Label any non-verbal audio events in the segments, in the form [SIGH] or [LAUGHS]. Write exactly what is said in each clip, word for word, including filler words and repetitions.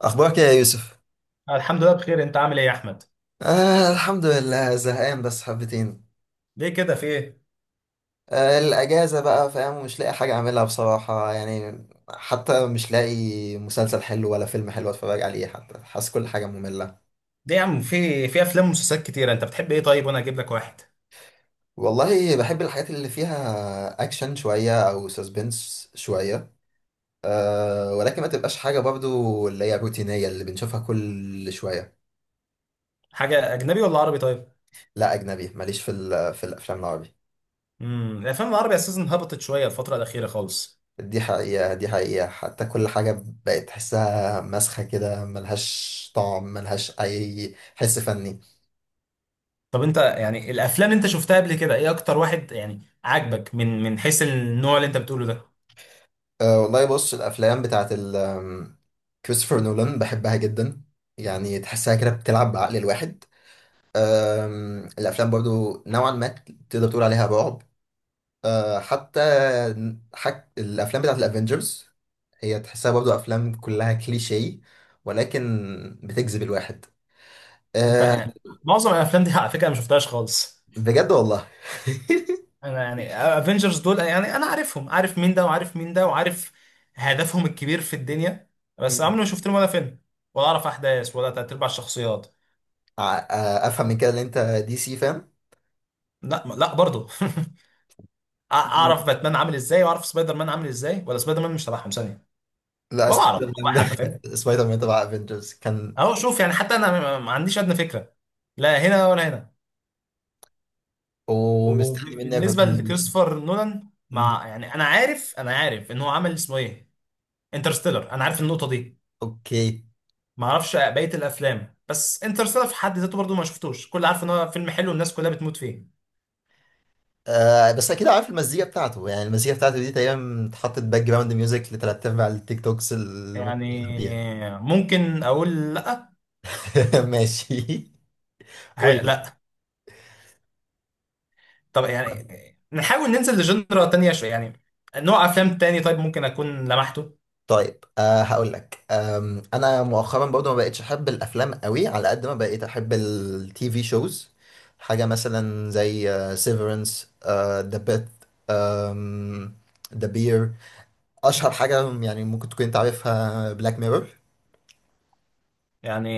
اخبارك يا يوسف؟ الحمد لله بخير. انت عامل ايه يا احمد؟ آه الحمد لله، زهقان بس حبتين. ليه كده، في ايه؟ آه الاجازه بقى، فاهم؟ مش لاقي حاجه اعملها بصراحه، يعني حتى مش لاقي مسلسل حلو ولا فيلم حلو اتفرج عليه، حتى حاسس كل حاجه ممله. ليه يا عم، في في افلام ومسلسلات كتيره. انت بتحب ايه طيب وانا اجيب لك واحد؟ والله بحب الحاجات اللي فيها اكشن شويه او سسبنس شويه، آه ولكن ما تبقاش حاجه برضو اللي هي روتينيه اللي بنشوفها كل شويه. حاجه اجنبي ولا عربي؟ طيب. لا، اجنبي، ماليش في ال- في الافلام العربي. امم الافلام العربي اساسا هبطت شويه الفتره الاخيره خالص. دي حقيقة، دي حقيقة، حتى كل حاجة بقت تحسها مسخة كده، ملهاش طعم، ملهاش أي حس فني. طب انت يعني الافلام اللي انت شفتها قبل كده ايه اكتر واحد يعني عاجبك من من حيث النوع اللي انت بتقوله ده؟ أه والله، بص، الأفلام بتاعت ال آم، كريستوفر نولان بحبها جدا، يعني تحسها كده بتلعب بعقل الواحد. أم، الأفلام برضو نوعا ما تقدر تقول عليها رعب. أه حتى حك... الأفلام بتاعت الأفينجرز، هي تحسها برضو أفلام كلها كليشيه، ولكن بتجذب الواحد. انت أه، يعني معظم الافلام دي على فكره انا ما شفتهاش خالص. بجد والله. انا يعني افنجرز دول، يعني انا عارفهم، عارف مين ده وعارف مين ده وعارف هدفهم الكبير في الدنيا، بس عمري ما شفت لهم ولا فيلم، ولا اعرف احداث ولا تلات ارباع الشخصيات. ع- آه، افهم من كده ان انت دي سي، فاهم؟ لا لا برضه [LAUGHS] مم. اعرف باتمان عامل ازاي واعرف سبايدر مان عامل ازاي، ولا سبايدر مان مش تبعهم ثانيه؟ لا، ولا اعرف سبايدر مان. والله، [LAUGHS] حتى فاهم. ده سبايدر مان تبع افنجرز كان. اهو شوف يعني، حتى انا ما ما عنديش ادنى فكره، لا هنا ولا هنا. ومستني منه وبالنسبه ريكومنديشن. لكريستوفر نولان، مع يعني انا عارف، انا عارف ان هو عمل اسمه ايه، انترستيلر، انا عارف النقطه دي. اوكي. ما اعرفش بقيه الافلام، بس انترستيلر في حد ذاته برضو ما شفتوش، كل عارف ان هو فيلم حلو والناس كلها بتموت فيه. آه بس اكيد عارف المزيكا بتاعته، يعني المزيكا بتاعته دي تقريبا اتحطت باك جراوند ميوزك لتلات ارباع التيك توكس اللي ممكن يعني تلعب بيها. ممكن اقول لا. [LAUGHS] ماشي. قول هي- لي. لا. طب يعني نحاول ننزل لجنرا تانية شويه، يعني نوع افلام تاني طيب ممكن اكون لمحته. طيب، آه هقول لك، آم، انا مؤخرا برضه ما بقتش احب الافلام قوي على قد ما بقيت احب التي في شوز. حاجه مثلا زي سيفرنس، ذا أم، ذا بير. اشهر حاجه يعني ممكن تكون انت عارفها، بلاك ميرور. يعني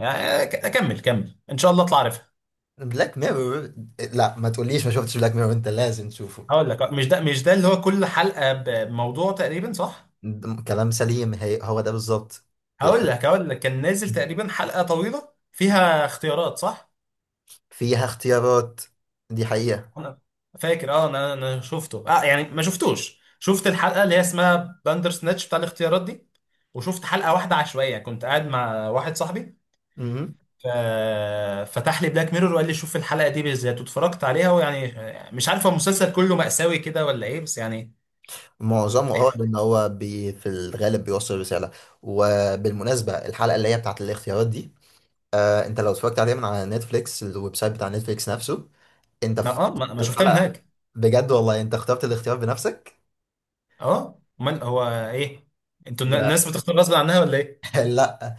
يعني ك- اكمل، كمل ان شاء الله اطلع عارفها. بلاك ميرور. لا، ما تقوليش ما شفتش بلاك ميرور، انت لازم تشوفه. هقول لك، مش ده مش ده اللي هو كل حلقه بموضوع تقريبا، صح؟ ده كلام سليم، هي هو ده بالظبط. هقول الح- لك هقول لك كان نازل تقريبا حلقه طويله فيها اختيارات، صح؟ فيها اختيارات، دي حقيقه. انا فاكر، اه انا انا شفته، اه يعني ما شفتوش، شفت الحلقه اللي هي اسمها باندر سناتش بتاع الاختيارات دي. وشفت حلقه واحده عشوائيه كنت قاعد مع واحد صاحبي. مهم. ف- فتح لي بلاك ميرور وقال لي شوف الحلقه دي بالذات، واتفرجت عليها ويعني مش عارف هو المسلسل كله مأساوي كده ولا ايه، بس يعني معظمه، اه لان هو بي في الغالب بيوصل رساله. وبالمناسبه الحلقه اللي هي بتاعت الاختيارات دي، آه انت لو اتفرجت عليها من على نتفليكس، الويب سايت بتاع نتفليكس نفسه، انت ما في اه ما ما شفتها من الحلقه هناك. بجد والله انت اخترت الاختيار بنفسك. اه امال هو ايه، انتوا ده. الناس بتختار غصب عنها ولا ايه؟ [LAUGHS] لا.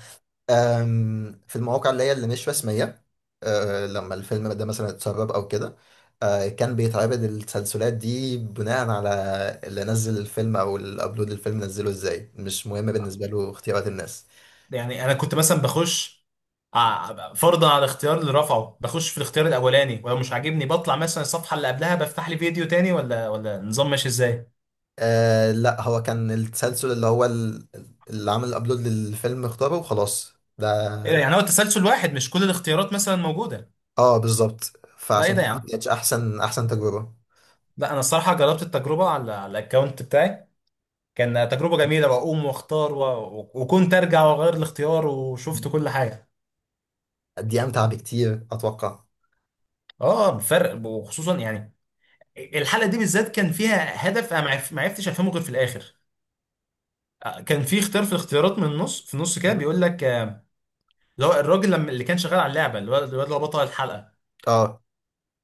أم، في المواقع اللي هي اللي مش رسمية، أه، لما الفيلم ده مثلا اتسرب أو كده، أه، كان بيتعرض التسلسلات دي بناء على اللي نزل الفيلم أو اللي أبلود الفيلم، نزله إزاي مش مهم بالنسبة له اختيارات الناس. يعني انا كنت مثلا بخش ع- فرضا على الاختيار اللي رفعه، بخش في الاختيار الاولاني ولو مش عاجبني بطلع مثلا الصفحه اللي قبلها بفتح لي فيديو تاني، ولا ولا النظام ماشي ازاي؟ أه، لا، هو كان التسلسل اللي هو ال- اللي عمل الأبلود للفيلم اختاره وخلاص. ايه ده، ده. يعني هو تسلسل واحد مش كل الاختيارات مثلا موجوده؟ اه، بالظبط، لا ايه فعشان ده كده يا ما عم. كانتش أحسن أحسن تجربة. لا انا الصراحه جربت التجربه على على الاكونت بتاعي، كان تجربه جميله، واقوم واختار و... و- وكنت ارجع واغير الاختيار وشفت كل حاجه. دي أمتع بكتير أتوقع. اه بفرق، وخصوصا يعني الحلقه دي بالذات كان فيها هدف انا ما عرف- ما عرفتش افهمه غير في الاخر. كان في اختيار في الاختيارات من النص في النص كده بيقول لك، آه، اللي هو الراجل لما اللي كان شغال على اللعبه، الواد الواد اللي هو بطل الحلقه، اه،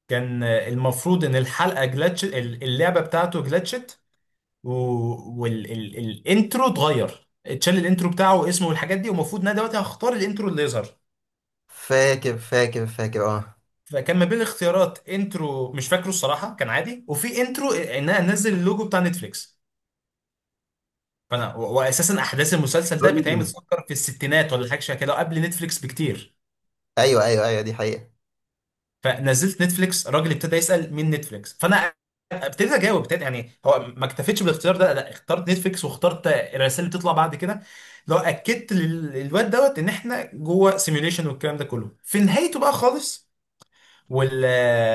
كان آه، المفروض ان الحلقه جلتش ال- اللعبه بتاعته جلتشت والانترو اتغير، اتشال الانترو بتاعه واسمه والحاجات دي، ومفروض ان انا دلوقتي هختار الانترو اللي يظهر. فاكر فاكر فاكر، اه. فكان ما بين الاختيارات انترو مش فاكره الصراحه كان عادي، وفي انترو ان انا انزل اللوجو بتاع نتفليكس. فانا و- واساسا احداث المسلسل ده بتعمل دول. تفكر في الستينات ولا حاجه شبه كده، قبل نتفليكس بكتير. ايوه ايوه ايوه، دي حقيقة. فنزلت نتفليكس، الراجل ابتدى يسال مين نتفليكس، فانا ابتديت اجاوب، ابتديت يعني، هو ما اكتفيتش بالاختيار ده، لا اخترت نتفليكس واخترت الرسائل اللي بتطلع بعد كده، لو اكدت لل- للواد دوت ان احنا جوه سيميوليشن، والكلام ده كله في نهايته بقى خالص. وال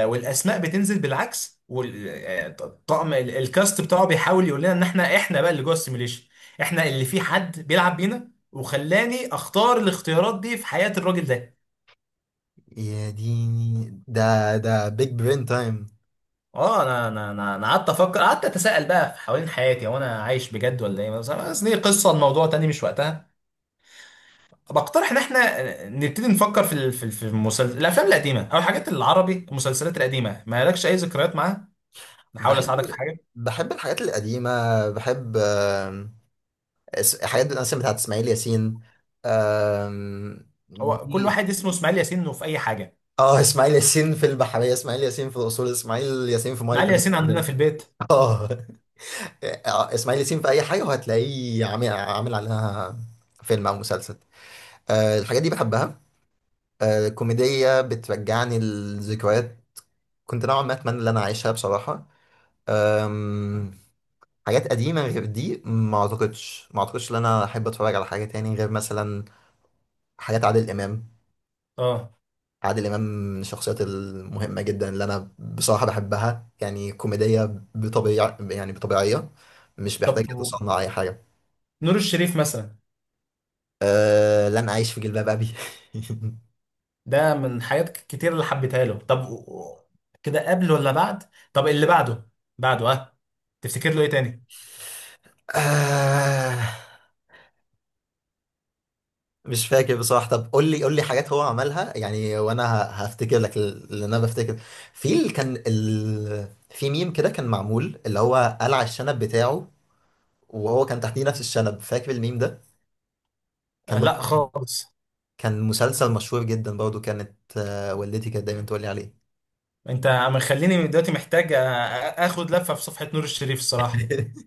والاسماء بتنزل بالعكس، والطقم الكاست بتاعه بيحاول يقول لنا ان احنا احنا بقى اللي جوه السيميوليشن، احنا اللي في حد بيلعب بينا، وخلاني اختار الاختيارات دي في حياة الراجل ده. يا ديني، ده ده بيج برين تايم. اه انا انا انا أنا قعدت افكر، قعدت اتساءل بقى في حوالين حياتي، هو انا عايش بجد ولا ايه، بس بس دي قصه الموضوع تاني مش وقتها. بقترح ان احنا نبتدي نفكر في ال- في ال- في المسلسل، الافلام القديمه او الحاجات العربي، المسلسلات القديمه ما لكش اي ذكريات معاها؟ نحاول اساعدك في بحب. حاجه. بحب الحاجات القديمة. بحب، آم، اس- حاجات مثلا بتاعت اسماعيل ياسين، آم، هو كل دي. واحد اسمه اسماعيل ياسين وفي اي حاجه؟ اه، اسماعيل ياسين في البحرية، اسماعيل ياسين في الأصول، اسماعيل ياسين في مية اسماعيل ياسين عندنا البحرية. في البيت. [LAUGHS] اه. آه، اسماعيل ياسين في أي حاجة وهتلاقيه عامل عامل عليها فيلم أو مسلسل. آه، الحاجات دي بحبها. آه، الكوميديا بترجعني لذكريات، كنت نوعا ما اتمنى ان انا اعيشها بصراحه. أم... حاجات قديمه غير دي ما اعتقدش ما اعتقدش ان انا احب اتفرج على حاجه تاني غير مثلا حاجات عادل امام. اه عادل امام من الشخصيات المهمه جدا اللي انا بصراحه بحبها، يعني كوميديه بطبيعه، يعني بطبيعيه، مش بيحتاج طب و- يتصنع اي حاجه. نور الشريف مثلا، أه... لن اعيش في جلباب ابي. ده من حاجات كتير اللي حبيتها له. طب و- و- كده قبل ولا بعد؟ طب اللي بعده، بعده اه تفتكر له ايه تاني؟ [LAUGHS] أه... مش فاكر بصراحة. طب قول لي قول لي حاجات هو عملها يعني وانا ه- هفتكر لك اللي انا بفتكر. في ال... كان ال... في ميم كده كان معمول اللي هو قلع الشنب بتاعه، وهو كان تحتيه نفس الشنب، فاكر الميم ده؟ آه، كان برضه لا خالص. كان مسلسل مشهور جدا برضه، كانت آه، والدتي كانت دايما تقول لي عليه. انت مخليني دلوقتي محتاج، آه، اخد لفه في صفحه نور الشريف الصراحه. [LAUGHS]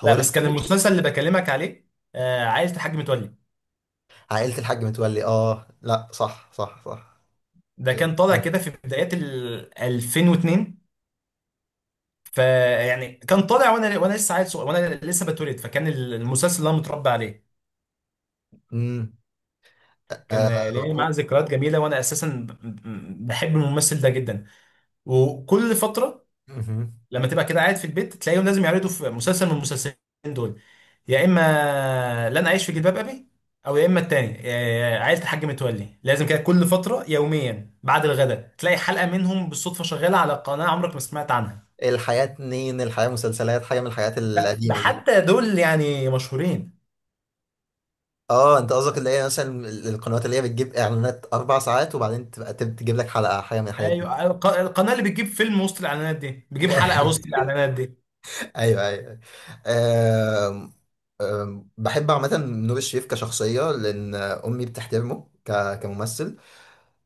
هو لا لسه بس كان عايش؟ المسلسل اللي بكلمك عليه آه، عائله الحاج متولي. عائلة الحاج متولي، اه، لا، صح صح صح. ده كان طالع كده في بدايات ال ألفين واثنين، فيعني كان طالع وانا وانا لسه عيل صغير، وانا لسه بتولد، فكان المسلسل اللي انا متربى عليه. امم. كان آه. آه، ليه معاه ذكريات جميله، وانا اساسا ب- ب- بحب الممثل ده جدا. وكل فتره مم. لما تبقى كده قاعد في البيت تلاقيهم لازم يعرضوا في مسلسل من المسلسلين دول، يا اما لن اعيش في جلباب ابي، او يا اما التاني آه، عائله الحاج متولي. لازم كده كل فتره يوميا بعد الغداء تلاقي حلقه منهم بالصدفه شغاله على قناه عمرك ما سمعت عنها. الحياة اتنين، الحياة مسلسلات، حاجة من الحاجات لا ده القديمة دي. حتى دول يعني مشهورين. اه، انت قصدك اللي هي مثلا ال- القنوات اللي هي بتجيب اعلانات اربع ساعات وبعدين تبقى تب- تجيب لك حلقه حاجه من الحاجات دي. ايوه الق- القناه اللي بتجيب فيلم وسط الاعلانات دي بتجيب حلقه وسط [LAUGHS] الاعلانات دي. ايوه ايوه. آم، آم، بحب عامه نور الشريف كشخصيه لان امي بتحترمه ك- كممثل،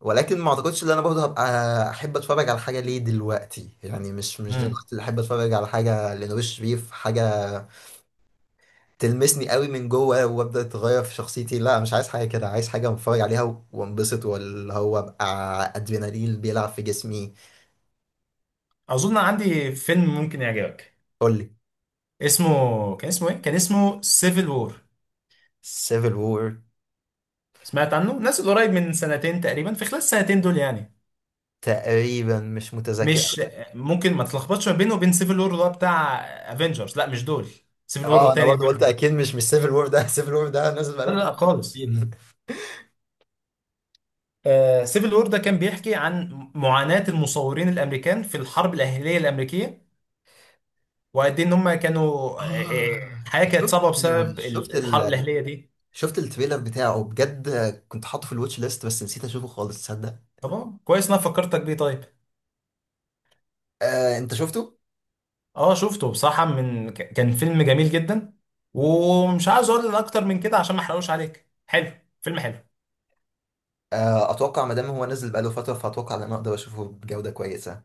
ولكن ما اعتقدش ان انا برضه هبقى احب اتفرج على حاجه ليه دلوقتي، يعني مش مش دلوقتي امم اللي احب اتفرج على حاجه لنور الشريف، حاجه تلمسني قوي من جوه وابدا اتغير في شخصيتي. لا، مش عايز حاجه كده، عايز حاجه اتفرج عليها و- وانبسط، واللي هو ابقى ادرينالين بيلعب في جسمي. اظن عندي فيلم ممكن يعجبك. قول لي. اسمه، كان اسمه ايه، كان اسمه سيفل وور. سيفل وور. سمعت عنه؟ نازل قريب من سنتين تقريبا، في خلال السنتين دول يعني. تقريبا مش متذكر. مش ممكن ما تلخبطش ما بينه وبين سيفل وور اللي هو بتاع افنجرز، لا مش دول، سيفل وور اه انا تاني. برضه قلت لا اكيد مش مش سيفل وور ده. [LAUGHS] سيفل وور ده نازل بقاله لا بتاع لا خالص. تلاتين. آه سيفل وور ده كان بيحكي عن معاناة المصورين الامريكان في الحرب الاهلية الامريكية، وقد ايه ان هم كانوا، آه، آه، اه الحياة كانت شفت صعبة بسبب شفت ال- الحرب ال الاهلية دي. شفت التريلر بتاعه بجد، كنت حاطه في الواتش ليست بس نسيت اشوفه خالص، تصدق؟ طبعا كويس إن انا فكرتك بيه. طيب آه انت شفته؟ اه شفته بصراحة، من ك- كان فيلم جميل جدا، ومش عاوز اقول اكتر من كده عشان ما احرقوش عليك. حلو، فيلم حلو. آه اتوقع ما دام هو نزل بقاله فتره فاتوقع ان انا اقدر اشوفه بجوده كويسه.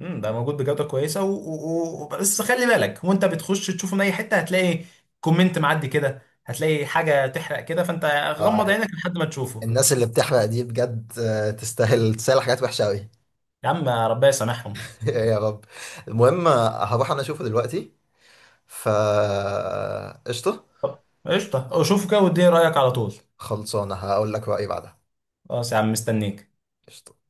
امم ده موجود بجودة كويسة، و... و... و... بس خلي بالك وانت بتخش تشوفه من اي حتة هتلاقي كومنت معدي كده، هتلاقي حاجة تحرق كده، فانت آه، غمض عينك لحد ما تشوفه. الناس اللي بتحرق دي بجد آه، تستاهل، تستاهل حاجات وحشة أوي. يا عم ربنا يسامحهم. [LAUGHS] يا رب. المهم آه، هروح أنا أشوفه دلوقتي، فا قشطة. طب قشطة، شوفه كده واديني رأيك على طول. خلصانة هقول لك رأيي بعدها. خلاص يا عم مستنيك. قشطة.